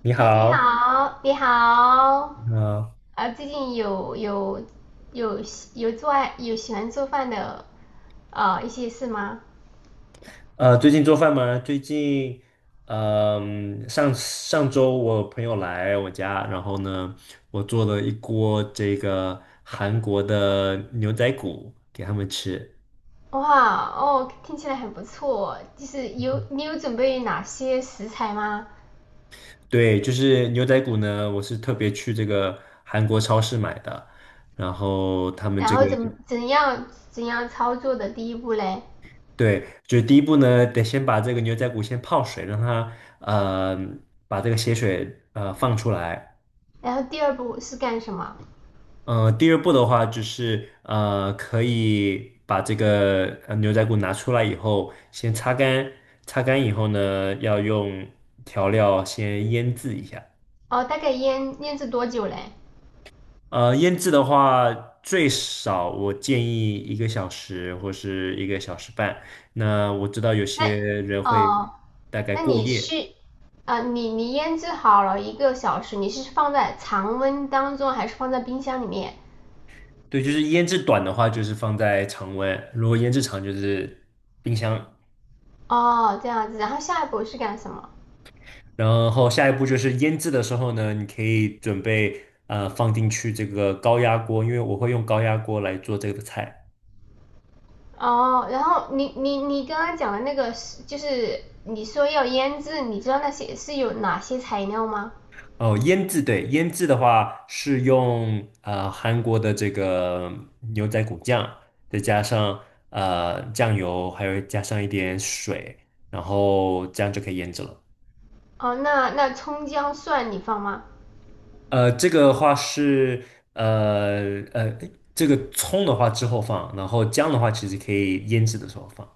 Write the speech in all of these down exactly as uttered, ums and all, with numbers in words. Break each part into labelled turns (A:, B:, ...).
A: 你
B: 哎，你
A: 好，
B: 好，你好，
A: 你好，
B: 呃，最近有有有喜有做爱有喜欢做饭的呃一些事吗？
A: 呃，最近做饭吗？最近，嗯、上上周我朋友来我家，然后呢，我做了一锅这个韩国的牛仔骨给他们吃。
B: 哇，哦，听起来很不错，就是有你有准备哪些食材吗？
A: 对，就是牛仔骨呢，我是特别去这个韩国超市买的，然后他们
B: 然
A: 这
B: 后
A: 个，
B: 怎么怎样怎样操作的第一步嘞？
A: 对，就第一步呢，得先把这个牛仔骨先泡水，让它呃把这个血水呃放出来。
B: 然后第二步是干什么？
A: 嗯、呃第二步的话就是呃，可以把这个呃牛仔骨拿出来以后，先擦干，擦干以后呢，要用调料先腌制一下。
B: 哦，大概腌腌制多久嘞？
A: 呃，腌制的话，最少我建议一个小时或是一个小时半。那我知道有
B: 那
A: 些人会
B: 哦，
A: 大概
B: 那
A: 过
B: 你
A: 夜，
B: 是啊、呃你你腌制好了一个小时，你是放在常温当中还是放在冰箱里面？
A: 对，就是腌制短的话，就是放在常温；如果腌制长，就是冰箱。
B: 哦，这样子，然后下一步是干什么？
A: 然后下一步就是腌制的时候呢，你可以准备呃放进去这个高压锅，因为我会用高压锅来做这个菜。
B: 哦，然后你你你刚刚讲的那个是就是你说要腌制，你知道那些是有哪些材料吗？
A: 哦，腌制对，腌制的话是用呃韩国的这个牛仔骨酱，再加上呃酱油，还有加上一点水，然后这样就可以腌制了。
B: 哦，那那葱姜蒜你放吗？
A: 呃，这个的话是呃呃，这个葱的话之后放，然后姜的话其实可以腌制的时候放。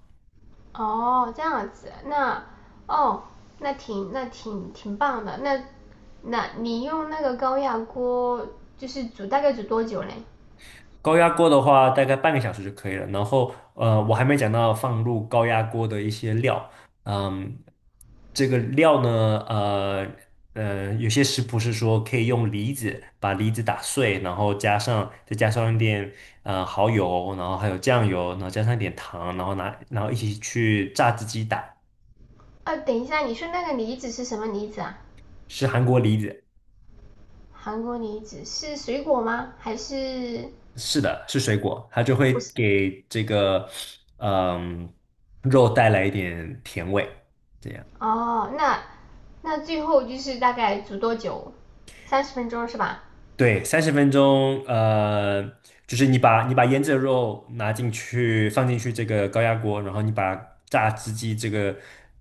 B: 哦，这样子，那哦，那挺那挺挺棒的。那那你用那个高压锅就是煮大概煮多久嘞？
A: 高压锅的话，大概半个小时就可以了。然后，呃，我还没讲到放入高压锅的一些料。嗯，这个料呢，呃呃，有些食谱是说可以用梨子把梨子打碎，然后加上再加上一点呃蚝油，然后还有酱油，然后加上一点糖，然后拿然后一起去榨汁机打，
B: 呃，等一下，你说那个梨子是什么梨子啊？
A: 是韩国梨子，
B: 韩国梨子是水果吗？还是
A: 是的，是水果，它就会
B: 不是？
A: 给这个嗯、肉带来一点甜味。这样。
B: 哦，那那最后就是大概煮多久？三十分钟是吧？
A: 对，三十分钟，呃，就是你把你把腌制的肉拿进去，放进去这个高压锅，然后你把榨汁机这个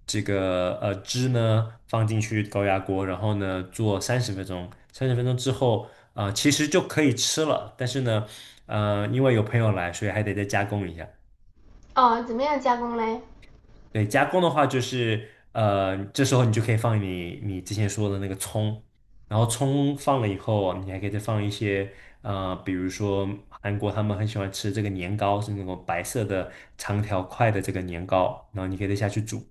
A: 这个呃汁呢放进去高压锅，然后呢做三十分钟，三十分钟之后，啊，其实就可以吃了，但是呢，呃，因为有朋友来，所以还得再加工一下。
B: 哦，怎么样加工嘞？
A: 对，加工的话就是，呃，这时候你就可以放你你之前说的那个葱，然后葱放了以后，你还可以再放一些，呃，比如说韩国他们很喜欢吃这个年糕，是那种白色的长条块的这个年糕，然后你可以再下去煮，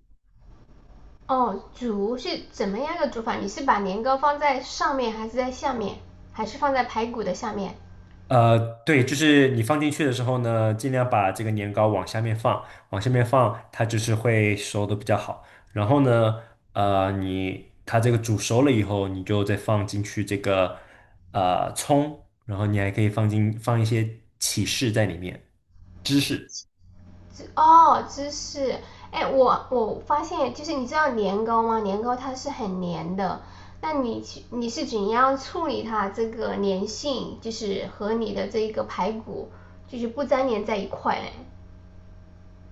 B: 哦，煮是怎么样个煮法？你是把年糕放在上面，还是在下面，还是放在排骨的下面？
A: 呃，对，就是你放进去的时候呢，尽量把这个年糕往下面放，往下面放，它就是会熟的比较好。然后呢，呃，你它这个煮熟了以后，你就再放进去这个呃葱，然后你还可以放进放一些起士在里面，芝士。
B: 哦，芝士。哎，我我发现就是你知道年糕吗？年糕它是很黏的，那你去你是怎样处理它这个粘性，就是和你的这一个排骨就是不粘连在一块嘞？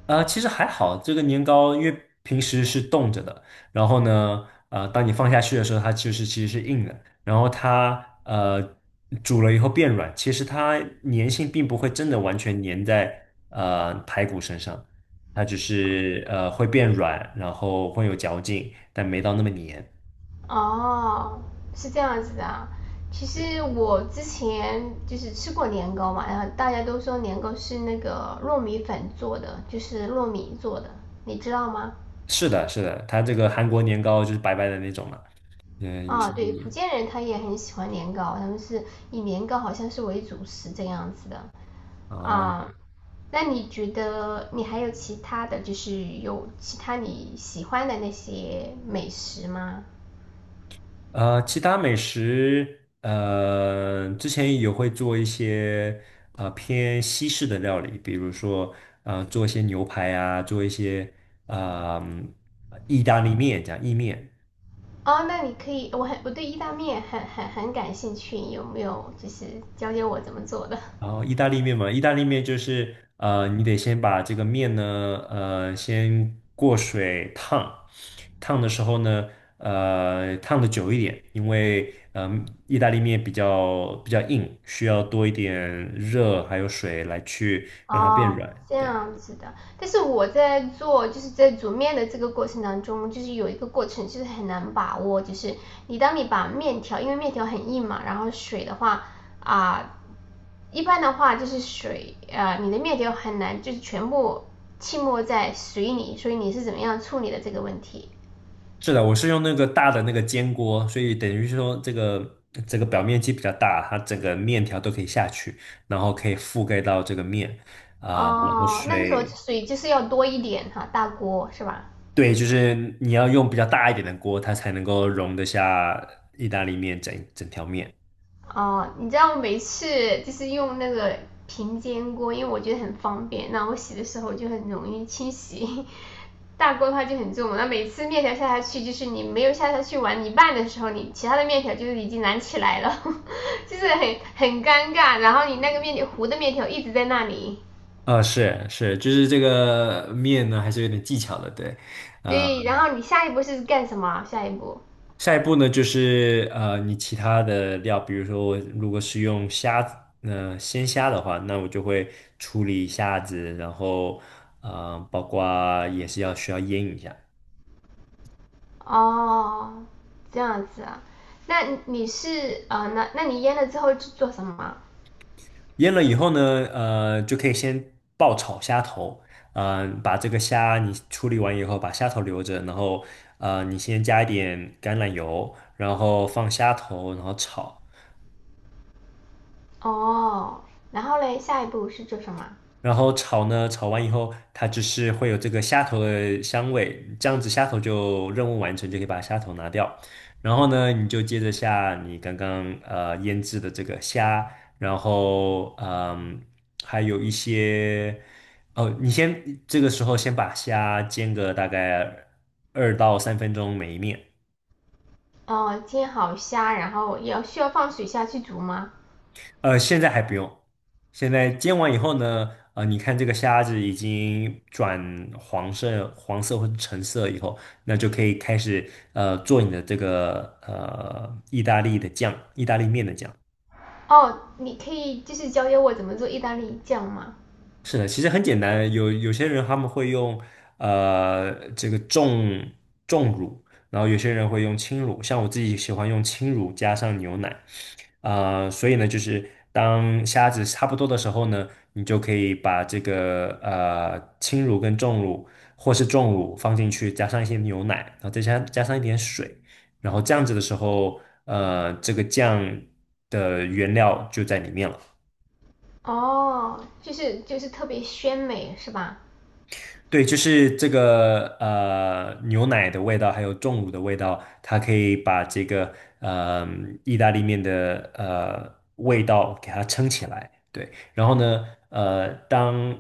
A: 呃，其实还好，这个年糕因为平时是冻着的，然后呢，呃，当你放下去的时候，它就是其实是硬的，然后它呃煮了以后变软，其实它粘性并不会真的完全粘在呃排骨身上，它只是呃会变软，然后会有嚼劲，但没到那么粘。
B: 哦，是这样子的啊。其
A: 对，
B: 实我之前就是吃过年糕嘛，然后大家都说年糕是那个糯米粉做的，就是糯米做的，你知道吗？
A: 是的，是的，它这个韩国年糕就是白白的那种了，嗯，也
B: 啊，
A: 是，
B: 对，福建人他也很喜欢年糕，他们是以年糕好像是为主食这样子的
A: 哦，
B: 啊。那你觉得你还有其他的就是有其他你喜欢的那些美食吗？
A: 呃，其他美食，呃，之前也会做一些呃偏西式的料理，比如说呃做一些牛排啊，做一些啊呃嗯意大利面讲意面，
B: 哦，那你可以，我很我对意大利面很很很感兴趣，有没有就是教教我怎么做的？
A: 然后意大利面嘛，意大利面就是呃，你得先把这个面呢，呃，先过水烫，烫的时候呢，呃，烫的久一点，因为嗯、意大利面比较比较硬，需要多一点热还有水来去让它变
B: 哦，
A: 软。
B: 这
A: 对，
B: 样子的。但是我在做，就是在煮面的这个过程当中，就是有一个过程，就是很难把握，就是你当你把面条，因为面条很硬嘛，然后水的话啊、一般的话就是水，呃，你的面条很难就是全部浸没在水里，所以你是怎么样处理的这个问题？
A: 是的，我是用那个大的那个煎锅，所以等于是说这个这个表面积比较大，它整个面条都可以下去，然后可以覆盖到这个面啊、然后
B: 哦，那个时候
A: 水。
B: 水就是要多一点哈，大锅是吧？
A: 对，就是你要用比较大一点的锅，它才能够容得下意大利面整整条面。
B: 哦，你知道我每次就是用那个平煎锅，因为我觉得很方便，那我洗的时候就很容易清洗。大锅的话就很重，那每次面条下下去，就是你没有下下去完一半的时候，你其他的面条就是已经燃起来了，就是很很尴尬。然后你那个面条糊的面条一直在那里，
A: 呃，是是，就是这个面呢，还是有点技巧的，对。呃，
B: 对，然后你下一步是干什么啊下一步
A: 下一步呢，就是呃，你其他的料，比如说我如果是用虾子，呃，鲜虾的话，那我就会处理虾子，然后呃，包括也是要需要腌一下。
B: 哦，这样子啊，那你是呃，那那你腌了之后是做什么啊
A: 腌了以后呢，呃，就可以先爆炒虾头，嗯、呃，把这个虾你处理完以后，把虾头留着，然后呃，你先加一点橄榄油，然后放虾头，然后炒。
B: 哦，然后嘞，下一步是做什么？
A: 然后炒呢，炒完以后，它就是会有这个虾头的香味，这样子虾头就任务完成，就可以把虾头拿掉。然后呢，你就接着下你刚刚呃腌制的这个虾，然后嗯，还有一些哦，你先这个时候先把虾煎个大概二到三分钟每一面，
B: 哦，煎好虾，然后要需要放水下去煮吗？
A: 呃，现在还不用。现在煎完以后呢，呃，你看这个虾子已经转黄色、黄色或者橙色以后，那就可以开始呃做你的这个呃意大利的酱，意大利面的酱。
B: 哦，你可以就是教教我怎么做意大利酱吗？
A: 是的，其实很简单，有有些人他们会用呃这个重重乳，然后有些人会用轻乳，像我自己喜欢用轻乳加上牛奶，啊，所以呢，就是当虾子差不多的时候呢，你就可以把这个呃轻乳跟重乳或是重乳放进去，加上一些牛奶，然后再加加上一点水，然后这样子的时候，呃，这个酱的原料就在里面了。
B: 哦，就是就是特别鲜美是吧？
A: 对，就是这个呃牛奶的味道，还有重乳的味道，它可以把这个呃意大利面的呃味道给它撑起来。对，然后呢，呃，当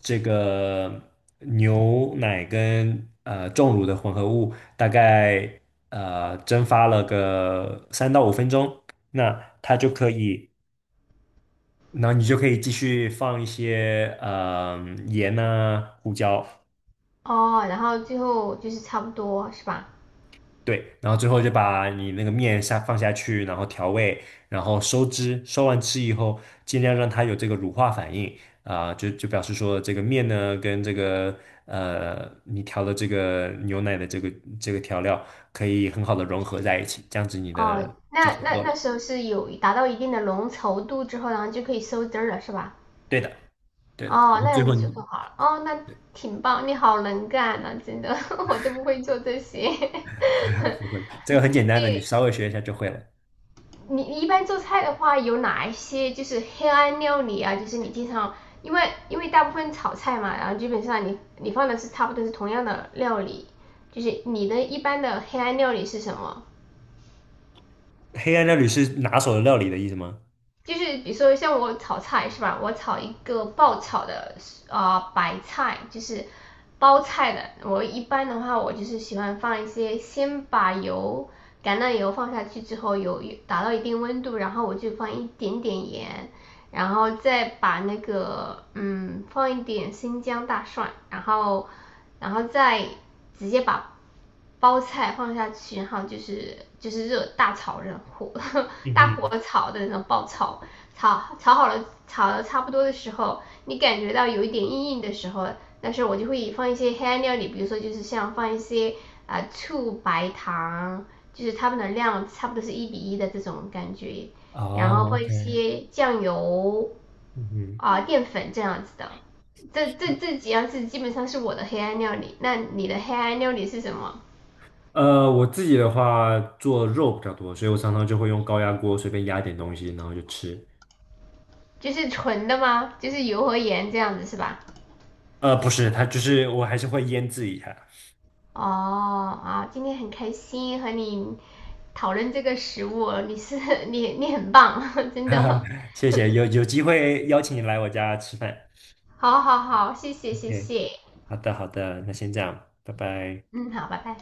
A: 这个牛奶跟呃重乳的混合物大概呃蒸发了个三到五分钟，那它就可以，那你就可以继续放一些呃盐啊、胡椒。
B: 哦，然后最后就是差不多是吧？
A: 对，然后最后就把你那个面下放下去，然后调味，然后收汁，收完汁以后，尽量让它有这个乳化反应啊、就就表示说这个面呢跟这个呃你调的这个牛奶的这个这个调料可以很好的融合在一起，这样子你的
B: 哦，
A: 就
B: 那
A: 差不
B: 那
A: 多
B: 那
A: 了。
B: 时候是有达到一定的浓稠度之后，然后就可以收汁儿了是吧？
A: 对的，对的，
B: 哦，
A: 然后
B: 那
A: 最
B: 样
A: 后
B: 子就做
A: 你
B: 好了。哦，那挺棒，你好能干呐、真的，我都不会做这些。
A: 不会，这个很简单的，你
B: 对，
A: 稍微学一下就会了。
B: 你你一般做菜的话，有哪一些就是黑暗料理啊？就是你经常，因为因为大部分炒菜嘛，然后基本上你你放的是差不多是同样的料理，就是你的一般的黑暗料理是什么？
A: 黑暗料理是拿手的料理的意思吗？
B: 就是比如说像我炒菜是吧？我炒一个爆炒的啊白菜，就是包菜的。我一般的话，我就是喜欢放一些，先把油橄榄油放下去之后，油达到一定温度，然后我就放一点点盐，然后再把那个嗯放一点生姜大蒜，然后然后再直接把包菜放下去，然后就是就是热大炒热火
A: 嗯
B: 大火
A: 哼，
B: 炒的那种爆炒，炒炒好了炒的差不多的时候，你感觉到有一点硬硬的时候，但是我就会放一些黑暗料理，比如说就是像放一些啊、呃醋、白糖，就是它们的量差不多是一比一的这种感觉，然后
A: 哦
B: 放一
A: ，OK，
B: 些酱油
A: 嗯哼。
B: 啊、淀粉这样子的。这这这几样是基本上是我的黑暗料理，那你的黑暗料理是什么？
A: 呃，我自己的话做肉比较多，所以我常常就会用高压锅随便压点东西，然后就吃。
B: 就是纯的吗？就是油和盐这样子是吧？
A: 呃，不是，它就是我还是会腌制一下。
B: 哦啊，今天很开心和你讨论这个食物哦，你是 你你很棒，真
A: 哈哈，
B: 的，
A: 谢谢，有有机会邀请你来我家吃饭。
B: 好好好，谢谢谢
A: OK，
B: 谢，
A: 好的好的，那先这样，拜拜。
B: 嗯，好，拜拜。